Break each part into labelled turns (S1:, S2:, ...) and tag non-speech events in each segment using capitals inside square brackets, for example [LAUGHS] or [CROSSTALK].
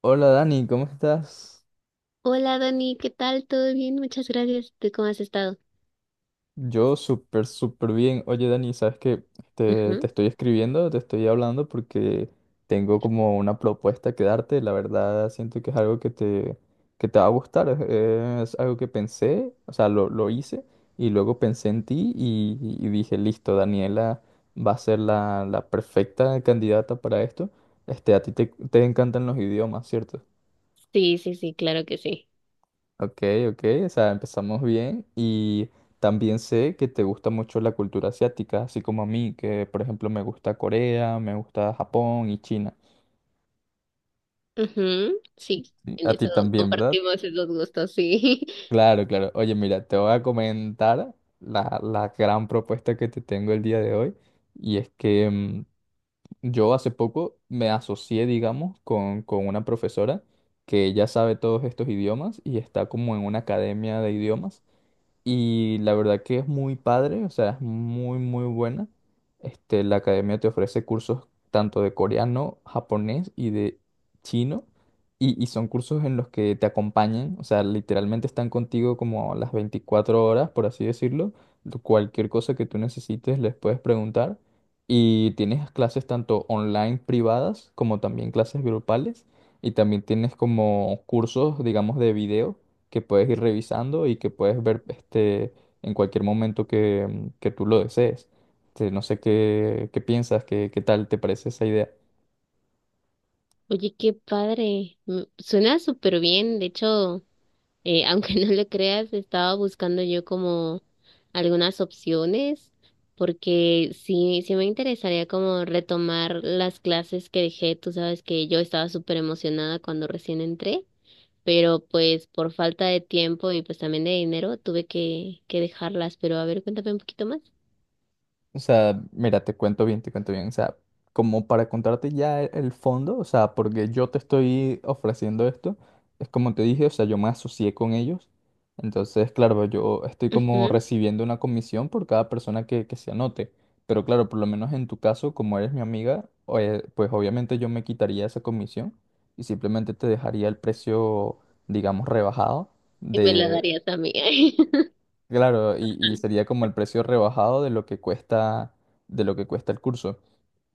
S1: Hola Dani, ¿cómo estás?
S2: Hola Dani, ¿qué tal? ¿Todo bien? Muchas gracias. ¿Tú cómo has estado?
S1: Yo súper, súper bien. Oye Dani, ¿sabes qué? Te
S2: Ujú.
S1: estoy escribiendo, te estoy hablando porque tengo como una propuesta que darte. La verdad siento que es algo que te va a gustar. Es algo que pensé, o sea, lo hice y luego pensé en ti y dije, listo, Daniela va a ser la perfecta candidata para esto. Este, a ti te encantan los idiomas, ¿cierto?
S2: Sí, sí, sí, claro que sí.
S1: Ok, ok, o sea, empezamos bien y también sé que te gusta mucho la cultura asiática, así como a mí, que por ejemplo me gusta Corea, me gusta Japón y China.
S2: Ujú, sí,
S1: Sí,
S2: en
S1: a ti
S2: eso
S1: también, ¿verdad?
S2: compartimos esos gustos, sí. [LAUGHS]
S1: Claro, claro. Oye, mira, te voy a comentar la gran propuesta que te tengo el día de hoy y es que yo hace poco me asocié, digamos, con una profesora que ya sabe todos estos idiomas y está como en una academia de idiomas. Y la verdad que es muy padre, o sea, es muy, muy buena. Este, la academia te ofrece cursos tanto de coreano, japonés y de chino. Y son cursos en los que te acompañan, o sea, literalmente están contigo como las 24 horas, por así decirlo. Cualquier cosa que tú necesites les puedes preguntar. Y tienes clases tanto online privadas como también clases grupales. Y también tienes como cursos, digamos, de video que puedes ir revisando y que puedes ver en cualquier momento que tú lo desees. Este, no sé qué piensas, qué tal te parece esa idea.
S2: Oye, qué padre. Mm, suena súper bien. De hecho, [LAUGHS] aunque no lo creas, estaba buscando yo como algunas opciones, porque sí, sí me interesaría como retomar las clases que dejé. Tú sabes que yo estaba súper emocionada cuando recién entré, pero pues por falta de tiempo y pues también de dinero tuve que dejarlas, pero a ver, cuéntame un poquito más.
S1: O sea, mira, te cuento bien, te cuento bien. O sea, como para contarte ya el fondo, o sea, porque yo te estoy ofreciendo esto, es como te dije, o sea, yo me asocié con ellos. Entonces, claro, yo estoy como
S2: Ujú.
S1: recibiendo una comisión por cada persona que se anote. Pero claro, por lo menos en tu caso, como eres mi amiga, pues obviamente yo me quitaría esa comisión y simplemente te dejaría el precio, digamos, rebajado.
S2: Y me la darías a mí. [LAUGHS]
S1: Claro, y sería como el precio rebajado de lo que cuesta, de lo que cuesta el curso.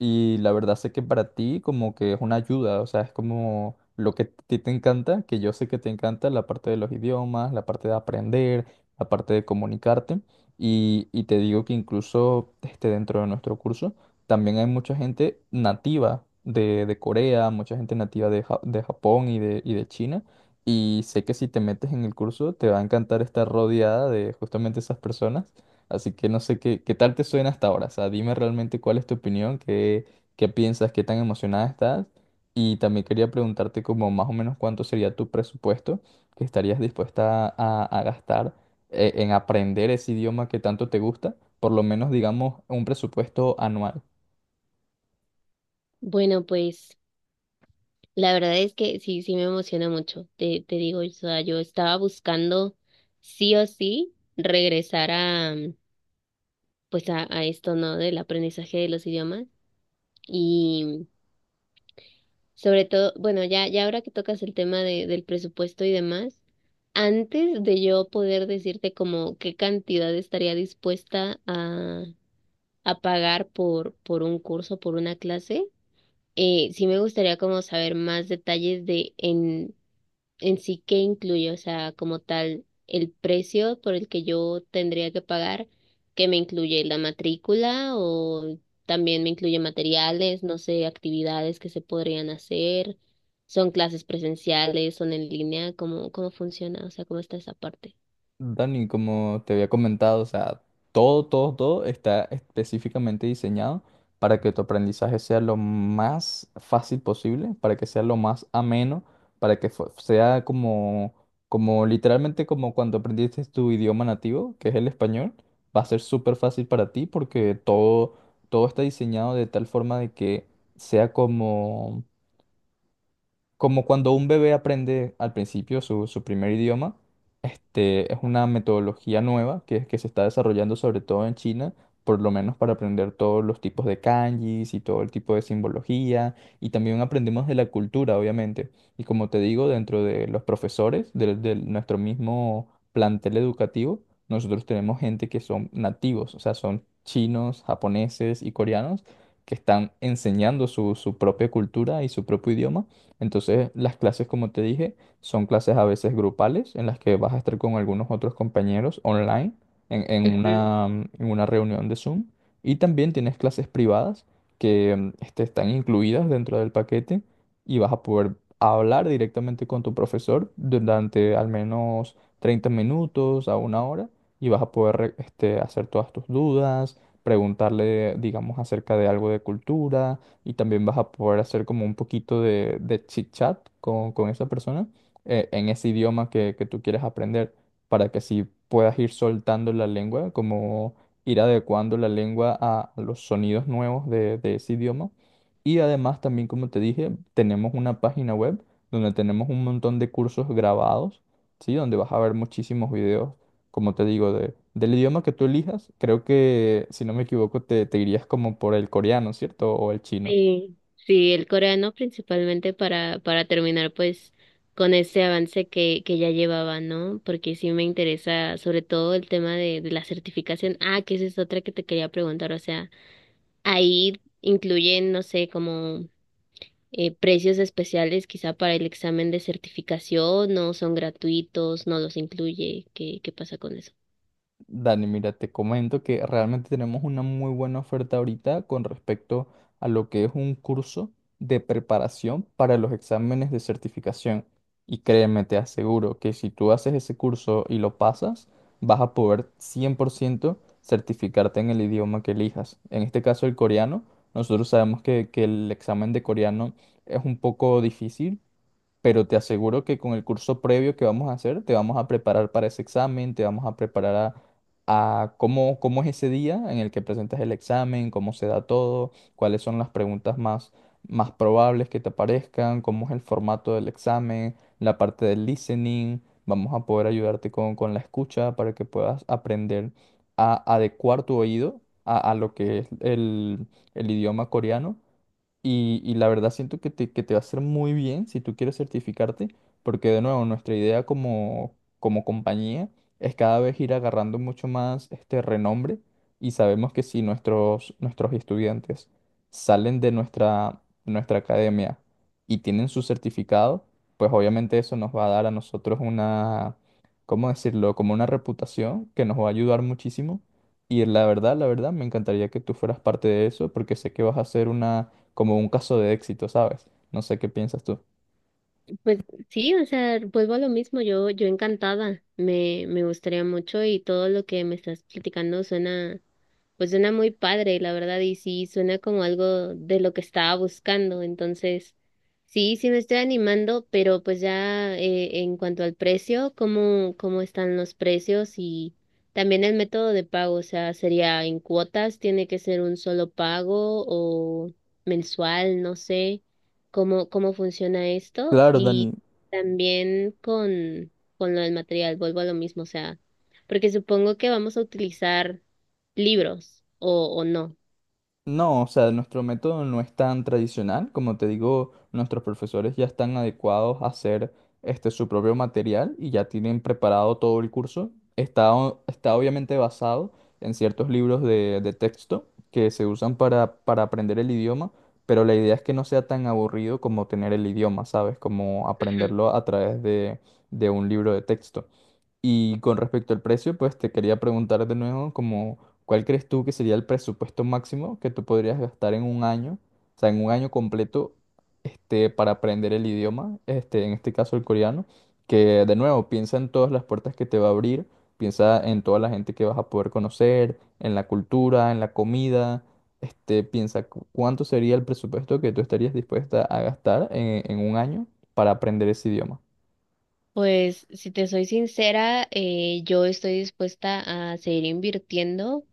S1: Y la verdad sé que para ti como que es una ayuda, o sea, es como lo que a ti te encanta, que yo sé que te encanta la parte de los idiomas, la parte de aprender, la parte de comunicarte. Y te digo que incluso este, dentro de nuestro curso también hay mucha gente nativa de Corea, mucha gente nativa de Japón y de China y sé que si te metes en el curso te va a encantar estar rodeada de justamente esas personas. Así que no sé qué tal te suena hasta ahora. O sea, dime realmente cuál es tu opinión, qué piensas, qué tan emocionada estás. Y también quería preguntarte como más o menos cuánto sería tu presupuesto que estarías dispuesta a gastar en aprender ese idioma que tanto te gusta. Por lo menos digamos un presupuesto anual.
S2: Bueno, pues la verdad es que sí, sí me emociona mucho. Te digo, o sea, yo estaba buscando sí o sí regresar a, pues a esto, ¿no? Del aprendizaje de los idiomas. Y sobre todo, bueno, ya, ya ahora que tocas el tema del presupuesto y demás, antes de yo poder decirte como qué cantidad estaría dispuesta a pagar por un curso, por una clase, sí me gustaría como saber más detalles de en sí qué incluye, o sea, como tal, el precio por el que yo tendría que pagar, que me incluye la matrícula o también me incluye materiales, no sé, actividades que se podrían hacer, son clases presenciales, son en línea, ¿cómo, cómo funciona? O sea, ¿cómo está esa parte?
S1: Dani, como te había comentado, o sea, todo, todo, todo está específicamente diseñado para que tu aprendizaje sea lo más fácil posible, para que sea lo más ameno, para que sea como, como literalmente como cuando aprendiste tu idioma nativo, que es el español, va a ser súper fácil para ti porque todo, todo está diseñado de tal forma de que sea como como cuando un bebé aprende al principio su primer idioma, este, es una metodología nueva que se está desarrollando sobre todo en China, por lo menos para aprender todos los tipos de kanjis y todo el tipo de simbología, y también aprendemos de la cultura, obviamente. Y como te digo, dentro de los profesores de nuestro mismo plantel educativo, nosotros tenemos gente que son nativos, o sea, son chinos, japoneses y coreanos que están enseñando su propia cultura y su propio idioma. Entonces, las clases, como te dije, son clases a veces grupales en las que vas a estar con algunos otros compañeros online en una reunión de Zoom. Y también tienes clases privadas que están incluidas dentro del paquete y vas a poder hablar directamente con tu profesor durante al menos 30 minutos a una hora y vas a poder hacer todas tus dudas, preguntarle, digamos, acerca de algo de cultura y también vas a poder hacer como un poquito de chit chat con esa persona en ese idioma que tú quieres aprender para que así puedas ir soltando la lengua, como ir adecuando la lengua a los sonidos nuevos de ese idioma. Y además también, como te dije, tenemos una página web donde tenemos un montón de cursos grabados, ¿sí? Donde vas a ver muchísimos videos, como te digo, del idioma que tú elijas. Creo que, si no me equivoco, te irías como por el coreano, ¿cierto? O el chino.
S2: Sí, sí, el coreano principalmente para terminar pues con ese avance que ya llevaba, ¿no? Porque sí me interesa sobre todo el tema de la certificación. Ah, que esa es otra que te quería preguntar, o sea, ahí incluyen, no sé, como precios especiales quizá para el examen de certificación, ¿no son gratuitos, no los incluye, qué, qué pasa con eso?
S1: Dani, mira, te comento que realmente tenemos una muy buena oferta ahorita con respecto a lo que es un curso de preparación para los exámenes de certificación. Y créeme, te aseguro que si tú haces ese curso y lo pasas, vas a poder 100% certificarte en el idioma que elijas. En este caso, el coreano. Nosotros sabemos que el examen de coreano es un poco difícil, pero te aseguro que con el curso previo que vamos a hacer, te vamos a preparar para ese examen, te vamos a preparar a cómo, cómo es ese día en el que presentas el examen, cómo se da todo, cuáles son las preguntas más probables que te aparezcan, cómo es el formato del examen, la parte del listening. Vamos a poder ayudarte con la escucha para que puedas aprender a adecuar tu oído a lo que es el el idioma coreano y la verdad siento que te va a hacer muy bien si tú quieres certificarte, porque de nuevo nuestra idea como, como compañía es cada vez ir agarrando mucho más este renombre y sabemos que si nuestros estudiantes salen de nuestra academia y tienen su certificado, pues obviamente eso nos va a dar a nosotros una, ¿cómo decirlo? Como una reputación que nos va a ayudar muchísimo. Y la verdad, me encantaría que tú fueras parte de eso, porque sé que vas a hacer una como un caso de éxito, ¿sabes? No sé qué piensas tú.
S2: Pues sí, o sea, vuelvo a lo mismo, yo encantada, me gustaría mucho y todo lo que me estás platicando suena, pues suena muy padre, la verdad, y sí, suena como algo de lo que estaba buscando. Entonces, sí, sí me estoy animando, pero pues ya en cuanto al precio, ¿cómo, cómo están los precios y también el método de pago? O sea, ¿sería en cuotas? ¿Tiene que ser un solo pago o mensual? No sé cómo, cómo funciona esto.
S1: Claro,
S2: Y
S1: Dani.
S2: también con lo del material, vuelvo a lo mismo, o sea, porque supongo que vamos a utilizar libros o no.
S1: No, o sea, nuestro método no es tan tradicional. Como te digo, nuestros profesores ya están adecuados a hacer su propio material y ya tienen preparado todo el curso. Está obviamente basado en ciertos libros de texto que se usan para aprender el idioma, pero la idea es que no sea tan aburrido como tener el idioma, ¿sabes? Como
S2: Ujú.
S1: aprenderlo a través de un libro de texto. Y con respecto al precio, pues te quería preguntar de nuevo, como, ¿cuál crees tú que sería el presupuesto máximo que tú podrías gastar en un año, o sea, en un año completo, este, para aprender el idioma, este, en este caso el coreano, que de nuevo piensa en todas las puertas que te va a abrir, piensa en toda la gente que vas a poder conocer, en la cultura, en la comida, este, piensa cuánto sería el presupuesto que tú estarías dispuesta a gastar en un año para aprender ese idioma.
S2: Pues si te soy sincera, yo estoy dispuesta a seguir invirtiendo,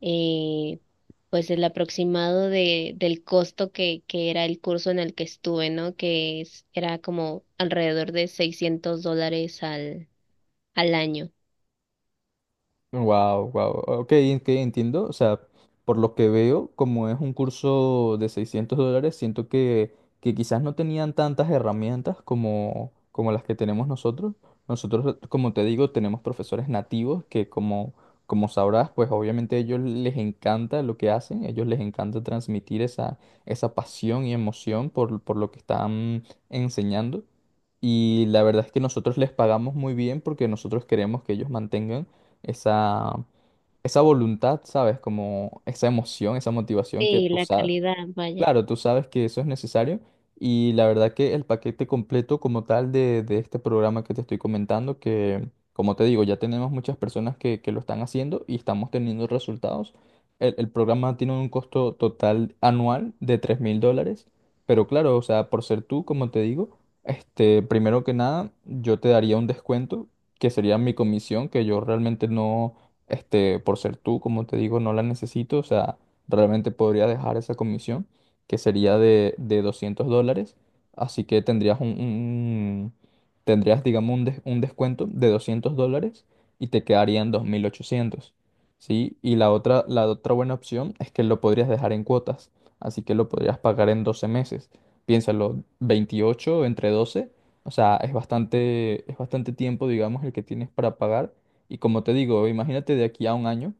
S2: eh, pues el aproximado del costo que era el curso en el que estuve, ¿no? Era como alrededor de $600 al, al año.
S1: Wow, wow. Ok, que entiendo. O sea, por lo que veo, como es un curso de $600, siento que quizás no tenían tantas herramientas como, como las que tenemos nosotros. Nosotros, como te digo, tenemos profesores nativos que, como, como sabrás, pues obviamente a ellos les encanta lo que hacen. A ellos les encanta transmitir esa, esa pasión y emoción por lo que están enseñando. Y la verdad es que nosotros les pagamos muy bien porque nosotros queremos que ellos mantengan esa, esa voluntad, ¿sabes? Como esa emoción, esa motivación que
S2: Sí,
S1: tú,
S2: la calidad, vaya.
S1: Claro, tú sabes que eso es necesario y la verdad que el paquete completo como tal de este programa que te estoy comentando, que como te digo, ya tenemos muchas personas que lo están haciendo y estamos teniendo resultados. El programa tiene un costo total anual de $3000, pero claro, o sea, por ser tú, como te digo, este, primero que nada, yo te daría un descuento que sería mi comisión, que yo realmente no, este, por ser tú, como te digo, no la necesito, o sea, realmente podría dejar esa comisión que sería de $200. Así que tendrías tendrías, digamos, un descuento de $200 y te quedarían 2800, ¿sí? Y la otra buena opción es que lo podrías dejar en cuotas, así que lo podrías pagar en 12 meses. Piénsalo, 28 entre 12, o sea, es bastante tiempo, digamos, el que tienes para pagar. Y como te digo, imagínate de aquí a un año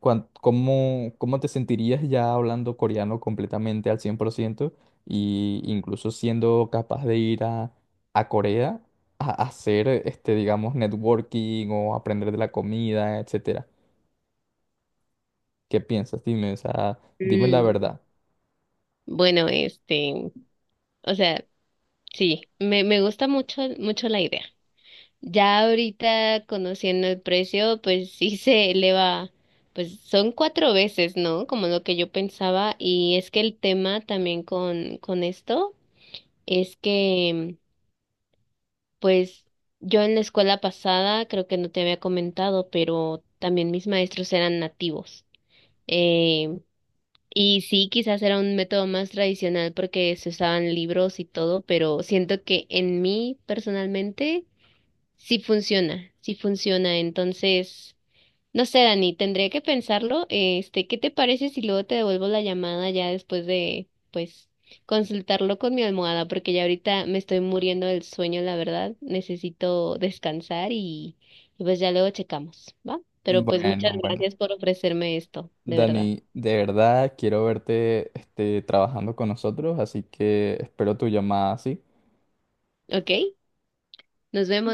S1: ¿cómo, cómo te sentirías ya hablando coreano completamente al 100% y incluso siendo capaz de ir a Corea a hacer, este, digamos, networking o aprender de la comida, etcétera? ¿Qué piensas? Dime, o sea, dime la
S2: Mm,
S1: verdad.
S2: bueno, este, o sea, sí, me gusta mucho, mucho la idea. Ya ahorita conociendo el precio, pues sí se eleva, pues son cuatro veces, ¿no? Como lo que yo pensaba. Y es que el tema también con esto es que, pues yo en la escuela pasada, creo que no te había comentado, pero también mis maestros eran nativos. Eh, y sí, quizás era un método más tradicional porque se usaban libros y todo, pero siento que en mí personalmente sí funciona, sí funciona. Entonces, no sé, Dani, tendría que pensarlo. Este, ¿qué te parece si luego te devuelvo la llamada ya después de, pues, consultarlo con mi almohada? Porque ya ahorita me estoy muriendo del sueño, la verdad. Necesito descansar y pues ya luego checamos, ¿va? Pero pues
S1: Bueno,
S2: muchas
S1: bueno.
S2: gracias por ofrecerme esto, de verdad.
S1: Dani, de verdad quiero verte, este, trabajando con nosotros, así que espero tu llamada, ¿sí?
S2: ¿Ok? Nos vemos.